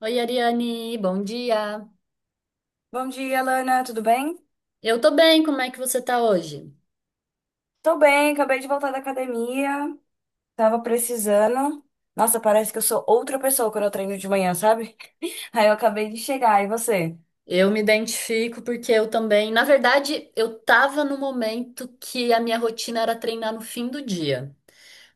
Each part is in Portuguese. Oi, Ariane, bom dia. Bom dia, Lana, tudo bem? Eu tô bem, como é que você tá hoje? Tô bem, acabei de voltar da academia, tava precisando. Nossa, parece que eu sou outra pessoa quando eu treino de manhã, sabe? Aí eu acabei de chegar, e você? Eu me identifico porque eu também, na verdade, eu tava no momento que a minha rotina era treinar no fim do dia,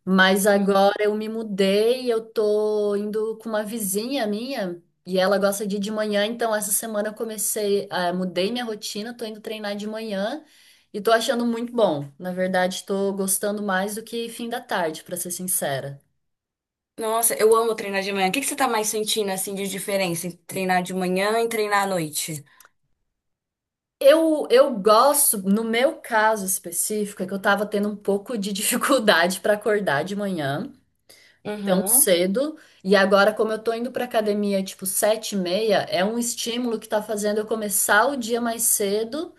mas agora eu me mudei, eu tô indo com uma vizinha minha e ela gosta de ir de manhã, então essa semana eu comecei, mudei minha rotina, tô indo treinar de manhã e tô achando muito bom. Na verdade, tô gostando mais do que fim da tarde, pra ser sincera. Nossa, eu amo treinar de manhã. O que você tá mais sentindo, assim, de diferença entre treinar de manhã e treinar à noite? Eu gosto, no meu caso específico, é que eu tava tendo um pouco de dificuldade para acordar de manhã, tão Uhum. cedo, e agora, como eu tô indo pra academia tipo 7:30, é um estímulo que tá fazendo eu começar o dia mais cedo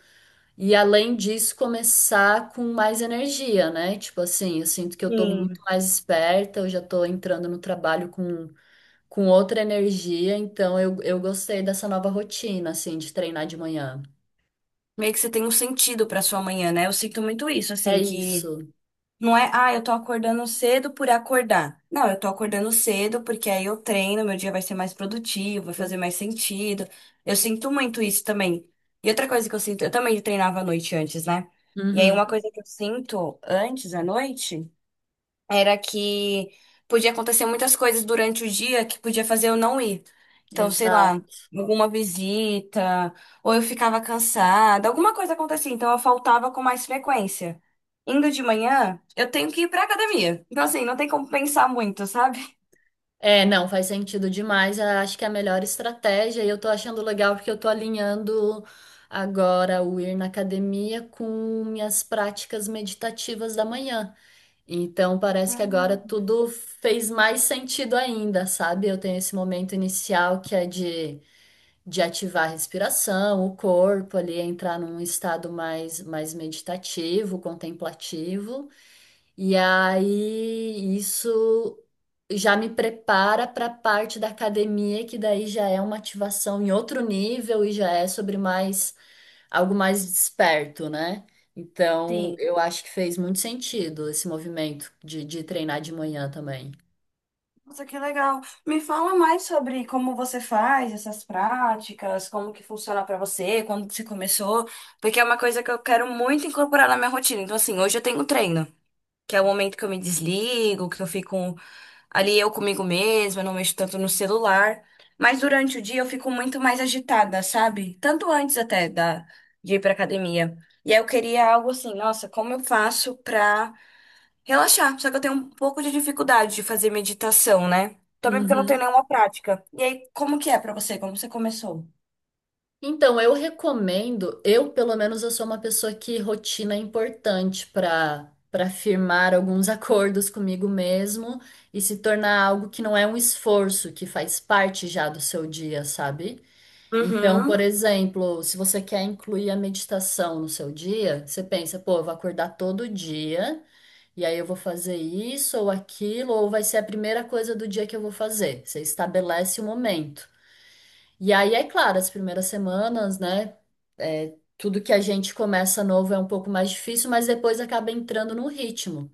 e, além disso, começar com mais energia, né? Tipo assim, eu sinto que eu tô Sim. muito mais esperta, eu já tô entrando no trabalho com outra energia, então eu gostei dessa nova rotina, assim, de treinar de manhã. Meio que você tem um sentido pra sua manhã, né? Eu sinto muito isso, É assim. Que isso. Não é, ah, eu tô acordando cedo por acordar. Não, eu tô acordando cedo porque aí eu treino, meu dia vai ser mais produtivo, vai fazer mais sentido. Eu sinto muito isso também. E outra coisa que eu sinto, eu também treinava à noite antes, né? E aí uma Uhum. coisa que eu sinto antes, à noite, era que podia acontecer muitas coisas durante o dia que podia fazer eu não ir. Então, sei Exato. lá, alguma visita, ou eu ficava cansada, alguma coisa acontecia, então eu faltava com mais frequência. Indo de manhã, eu tenho que ir pra academia. Então, assim, não tem como pensar muito, sabe? É, não, faz sentido demais. Eu acho que é a melhor estratégia e eu tô achando legal porque eu tô alinhando agora o ir na academia com minhas práticas meditativas da manhã. Então parece que agora Hum. tudo fez mais sentido ainda, sabe? Eu tenho esse momento inicial que é de ativar a respiração, o corpo ali, entrar num estado mais, mais meditativo, contemplativo. E aí isso já me prepara para a parte da academia, que daí já é uma ativação em outro nível e já é sobre mais algo mais desperto, né? Então, Sim. eu acho que fez muito sentido esse movimento de treinar de manhã também. Nossa, que legal. Me fala mais sobre como você faz essas práticas, como que funciona pra você, quando você começou, porque é uma coisa que eu quero muito incorporar na minha rotina. Então, assim, hoje eu tenho treino, que é o momento que eu me desligo, que eu fico ali eu comigo mesma, não mexo tanto no celular. Mas durante o dia eu fico muito mais agitada, sabe? Tanto antes até de ir pra academia. E aí eu queria algo assim, nossa, como eu faço pra relaxar? Só que eu tenho um pouco de dificuldade de fazer meditação, né? Também porque eu não tenho Uhum. nenhuma prática. E aí, como que é pra você? Como você começou? Então, eu recomendo, eu pelo menos eu sou uma pessoa que rotina é importante para firmar alguns acordos comigo mesmo e se tornar algo que não é um esforço, que faz parte já do seu dia, sabe? Então, por Uhum. exemplo, se você quer incluir a meditação no seu dia, você pensa, pô, eu vou acordar todo dia e aí eu vou fazer isso ou aquilo, ou vai ser a primeira coisa do dia que eu vou fazer. Você estabelece o momento. E aí, é claro, as primeiras semanas, né? É, tudo que a gente começa novo é um pouco mais difícil, mas depois acaba entrando no ritmo.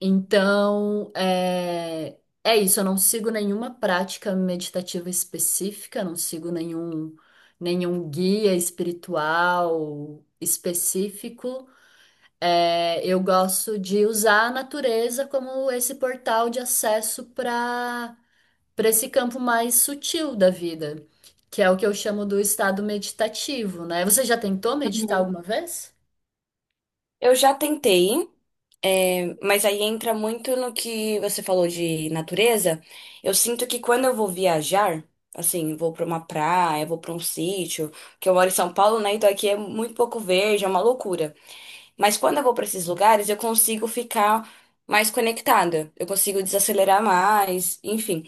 Então, é, é isso. Eu não sigo nenhuma prática meditativa específica, não sigo nenhum, nenhum guia espiritual específico. É, eu gosto de usar a natureza como esse portal de acesso para para esse campo mais sutil da vida, que é o que eu chamo do estado meditativo, né? Você já tentou meditar Uhum. alguma vez? Eu já tentei. Mas aí entra muito no que você falou de natureza. Eu sinto que quando eu vou viajar, assim, vou pra uma praia, vou pra um sítio, que eu moro em São Paulo, né? Então aqui é muito pouco verde, é uma loucura. Mas quando eu vou pra esses lugares, eu consigo ficar mais conectada, eu consigo desacelerar mais, enfim.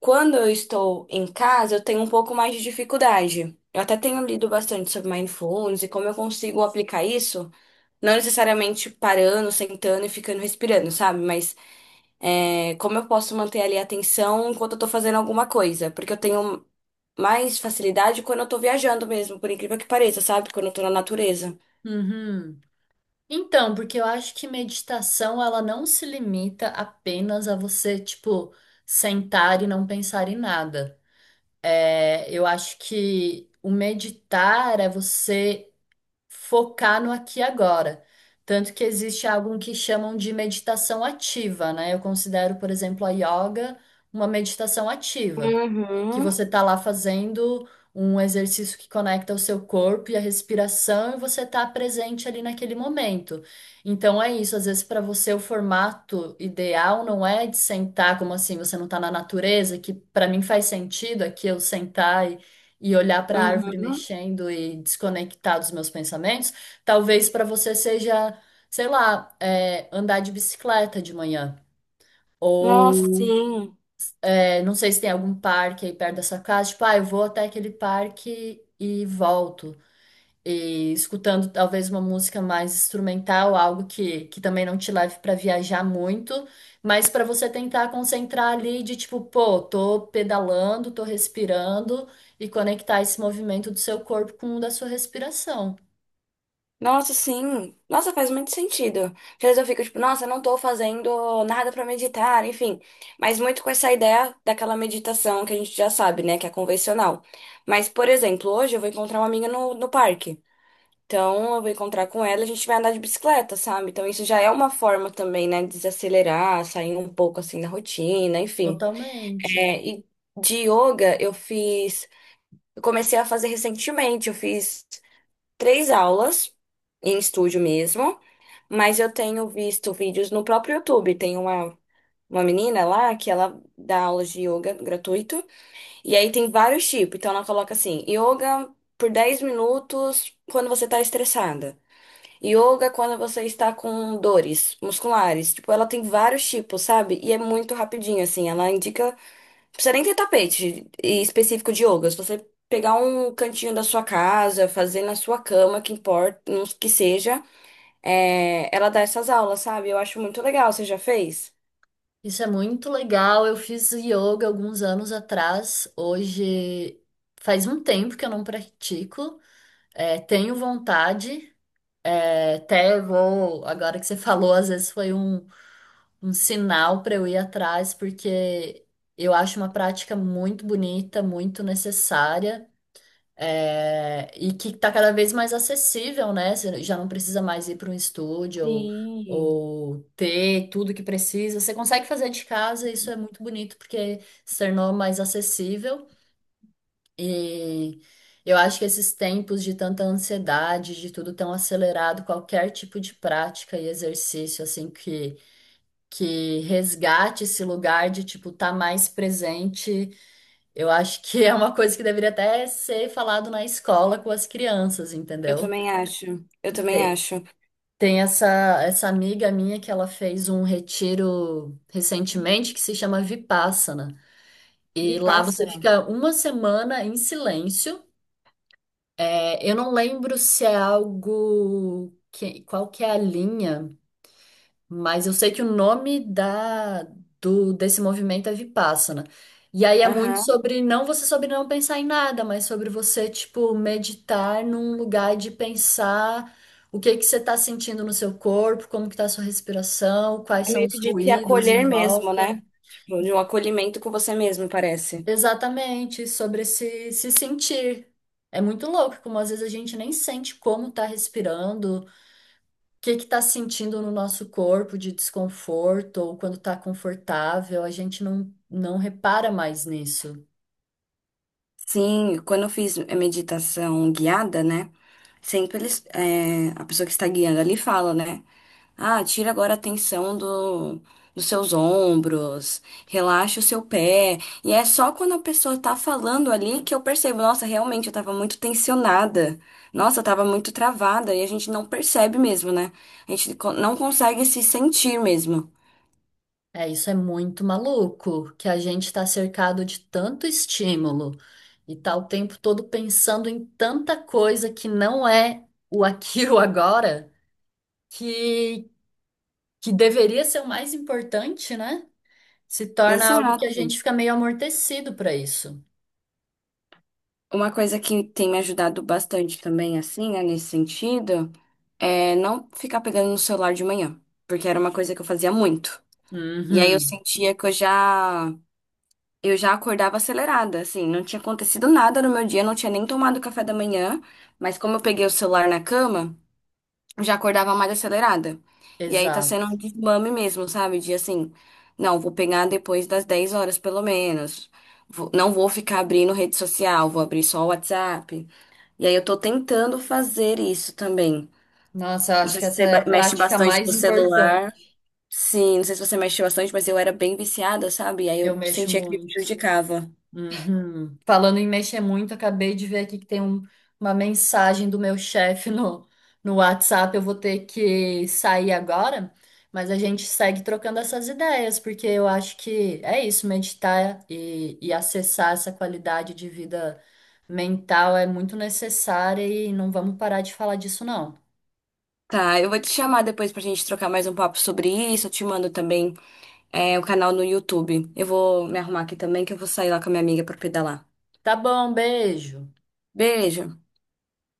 Quando eu estou em casa, eu tenho um pouco mais de dificuldade. Eu até tenho lido bastante sobre mindfulness e como eu consigo aplicar isso. Não necessariamente parando, sentando e ficando respirando, sabe? Mas como eu posso manter ali a atenção enquanto eu tô fazendo alguma coisa? Porque eu tenho mais facilidade quando eu tô viajando mesmo, por incrível que pareça, sabe? Quando eu tô na natureza. Uhum. Então, porque eu acho que meditação ela não se limita apenas a você, tipo, sentar e não pensar em nada. É, eu acho que o meditar é você focar no aqui e agora. Tanto que existe algo que chamam de meditação ativa, né? Eu considero, por exemplo, a yoga uma meditação ativa. Que Uhum, você tá lá fazendo um exercício que conecta o seu corpo e a respiração e você tá presente ali naquele momento. Então é isso, às vezes para você o formato ideal não é de sentar como assim, você não tá na natureza, que para mim faz sentido aqui eu sentar e olhar para a árvore uhum. mexendo e desconectar dos meus pensamentos, talvez para você seja, sei lá, é, andar de bicicleta de manhã, Nossa, ou sim. é, não sei se tem algum parque aí perto da sua casa, tipo, ah, eu vou até aquele parque e volto. E escutando talvez uma música mais instrumental, algo que também não te leve para viajar muito, mas para você tentar concentrar ali de tipo, pô, tô pedalando, tô respirando e conectar esse movimento do seu corpo com o da sua respiração. Nossa, sim. Nossa, faz muito sentido. Às vezes eu fico tipo, nossa, não tô fazendo nada pra meditar, enfim. Mas muito com essa ideia daquela meditação que a gente já sabe, né? Que é convencional. Mas, por exemplo, hoje eu vou encontrar uma amiga no parque. Então, eu vou encontrar com ela, a gente vai andar de bicicleta, sabe? Então, isso já é uma forma também, né, de desacelerar, sair um pouco assim da rotina, enfim. Totalmente. É, e de yoga, eu comecei a fazer recentemente, eu fiz três aulas em estúdio mesmo, mas eu tenho visto vídeos no próprio YouTube. Uma menina lá que ela dá aulas de yoga gratuito, e aí tem vários tipos. Então, ela coloca assim, yoga por 10 minutos quando você tá estressada. Yoga é quando você está com dores musculares. Tipo, ela tem vários tipos, sabe? E é muito rapidinho, assim. Ela indica. Não precisa nem ter tapete específico de yoga. Se você pegar um cantinho da sua casa, fazer na sua cama, que importa, que seja, ela dá essas aulas, sabe? Eu acho muito legal. Você já fez? Isso é muito legal. Eu fiz yoga alguns anos atrás. Hoje faz um tempo que eu não pratico. É, tenho vontade, é, até vou. Agora que você falou, às vezes foi um, um sinal para eu ir atrás, porque eu acho uma prática muito bonita, muito necessária, é, e que está cada vez mais acessível, né? Você já não precisa mais ir para um estúdio Sim. ou ter tudo que precisa. Você consegue fazer de casa, e isso é muito bonito, porque se tornou mais acessível. E eu acho que esses tempos de tanta ansiedade, de tudo tão acelerado, qualquer tipo de prática e exercício, assim, que resgate esse lugar de, tipo, estar tá mais presente, eu acho que é uma coisa que deveria até ser falado na escola com as crianças, Eu entendeu? também acho. Eu também Tem, acho. tem essa, essa amiga minha que ela fez um retiro recentemente que se chama Vipassana. Me E lá passa, você não. fica uma semana em silêncio. É, eu não lembro se é algo que, qual que é a linha, mas eu sei que o nome da do desse movimento é Vipassana. E aí é muito Aham. sobre não você sobre não pensar em nada, mas sobre você tipo meditar num lugar de pensar o que que você está sentindo no seu corpo, como que está a sua respiração, quais É são meio os que de se ruídos em acolher mesmo, volta. né? Tipo, de um acolhimento com você mesmo, parece. Exatamente, sobre se sentir. É muito louco, como às vezes a gente nem sente como tá respirando. Que tá sentindo no nosso corpo de desconforto ou quando tá confortável, a gente não, não repara mais nisso. Sim, quando eu fiz a meditação guiada, né? Sempre eles, a pessoa que está guiando ali fala, né? Ah, tira agora a tensão dos seus ombros, relaxa o seu pé. E é só quando a pessoa tá falando ali que eu percebo, nossa, realmente eu tava muito tensionada. Nossa, eu tava muito travada. E a gente não percebe mesmo, né? Não consegue se sentir mesmo. É, isso é muito maluco, que a gente tá cercado de tanto estímulo e tá o tempo todo pensando em tanta coisa que não é o aqui e o agora, que, que deveria ser o mais importante, né? Se torna algo que Exato. a gente fica meio amortecido para isso. Uma coisa que tem me ajudado bastante também, assim, né, nesse sentido, é não ficar pegando no celular de manhã, porque era uma coisa que eu fazia muito. E aí eu Uhum, sentia que eu já acordava acelerada, assim, não tinha acontecido nada no meu dia, não tinha nem tomado café da manhã, mas como eu peguei o celular na cama, eu já acordava mais acelerada. E aí tá sendo um exato. desmame mesmo, sabe? De assim, não, vou pegar depois das 10 horas pelo menos. Não vou ficar abrindo rede social, vou abrir só o WhatsApp. E aí eu tô tentando fazer isso também. Nossa, eu Não acho sei que se essa você é a mexe prática bastante mais no importante. celular. Sim, não sei se você mexe bastante, mas eu era bem viciada, sabe? E aí Eu eu mexo sentia que me muito. prejudicava. Uhum. Falando em mexer muito, acabei de ver aqui que tem um- uma mensagem do meu chefe no, no WhatsApp. Eu vou ter que sair agora, mas a gente segue trocando essas ideias, porque eu acho que é isso, meditar e acessar essa qualidade de vida mental é muito necessária e não vamos parar de falar disso, não. Tá, eu vou te chamar depois pra gente trocar mais um papo sobre isso. Eu te mando também o canal no YouTube. Eu vou me arrumar aqui também, que eu vou sair lá com a minha amiga pra pedalar. Tá bom, beijo. Beijo!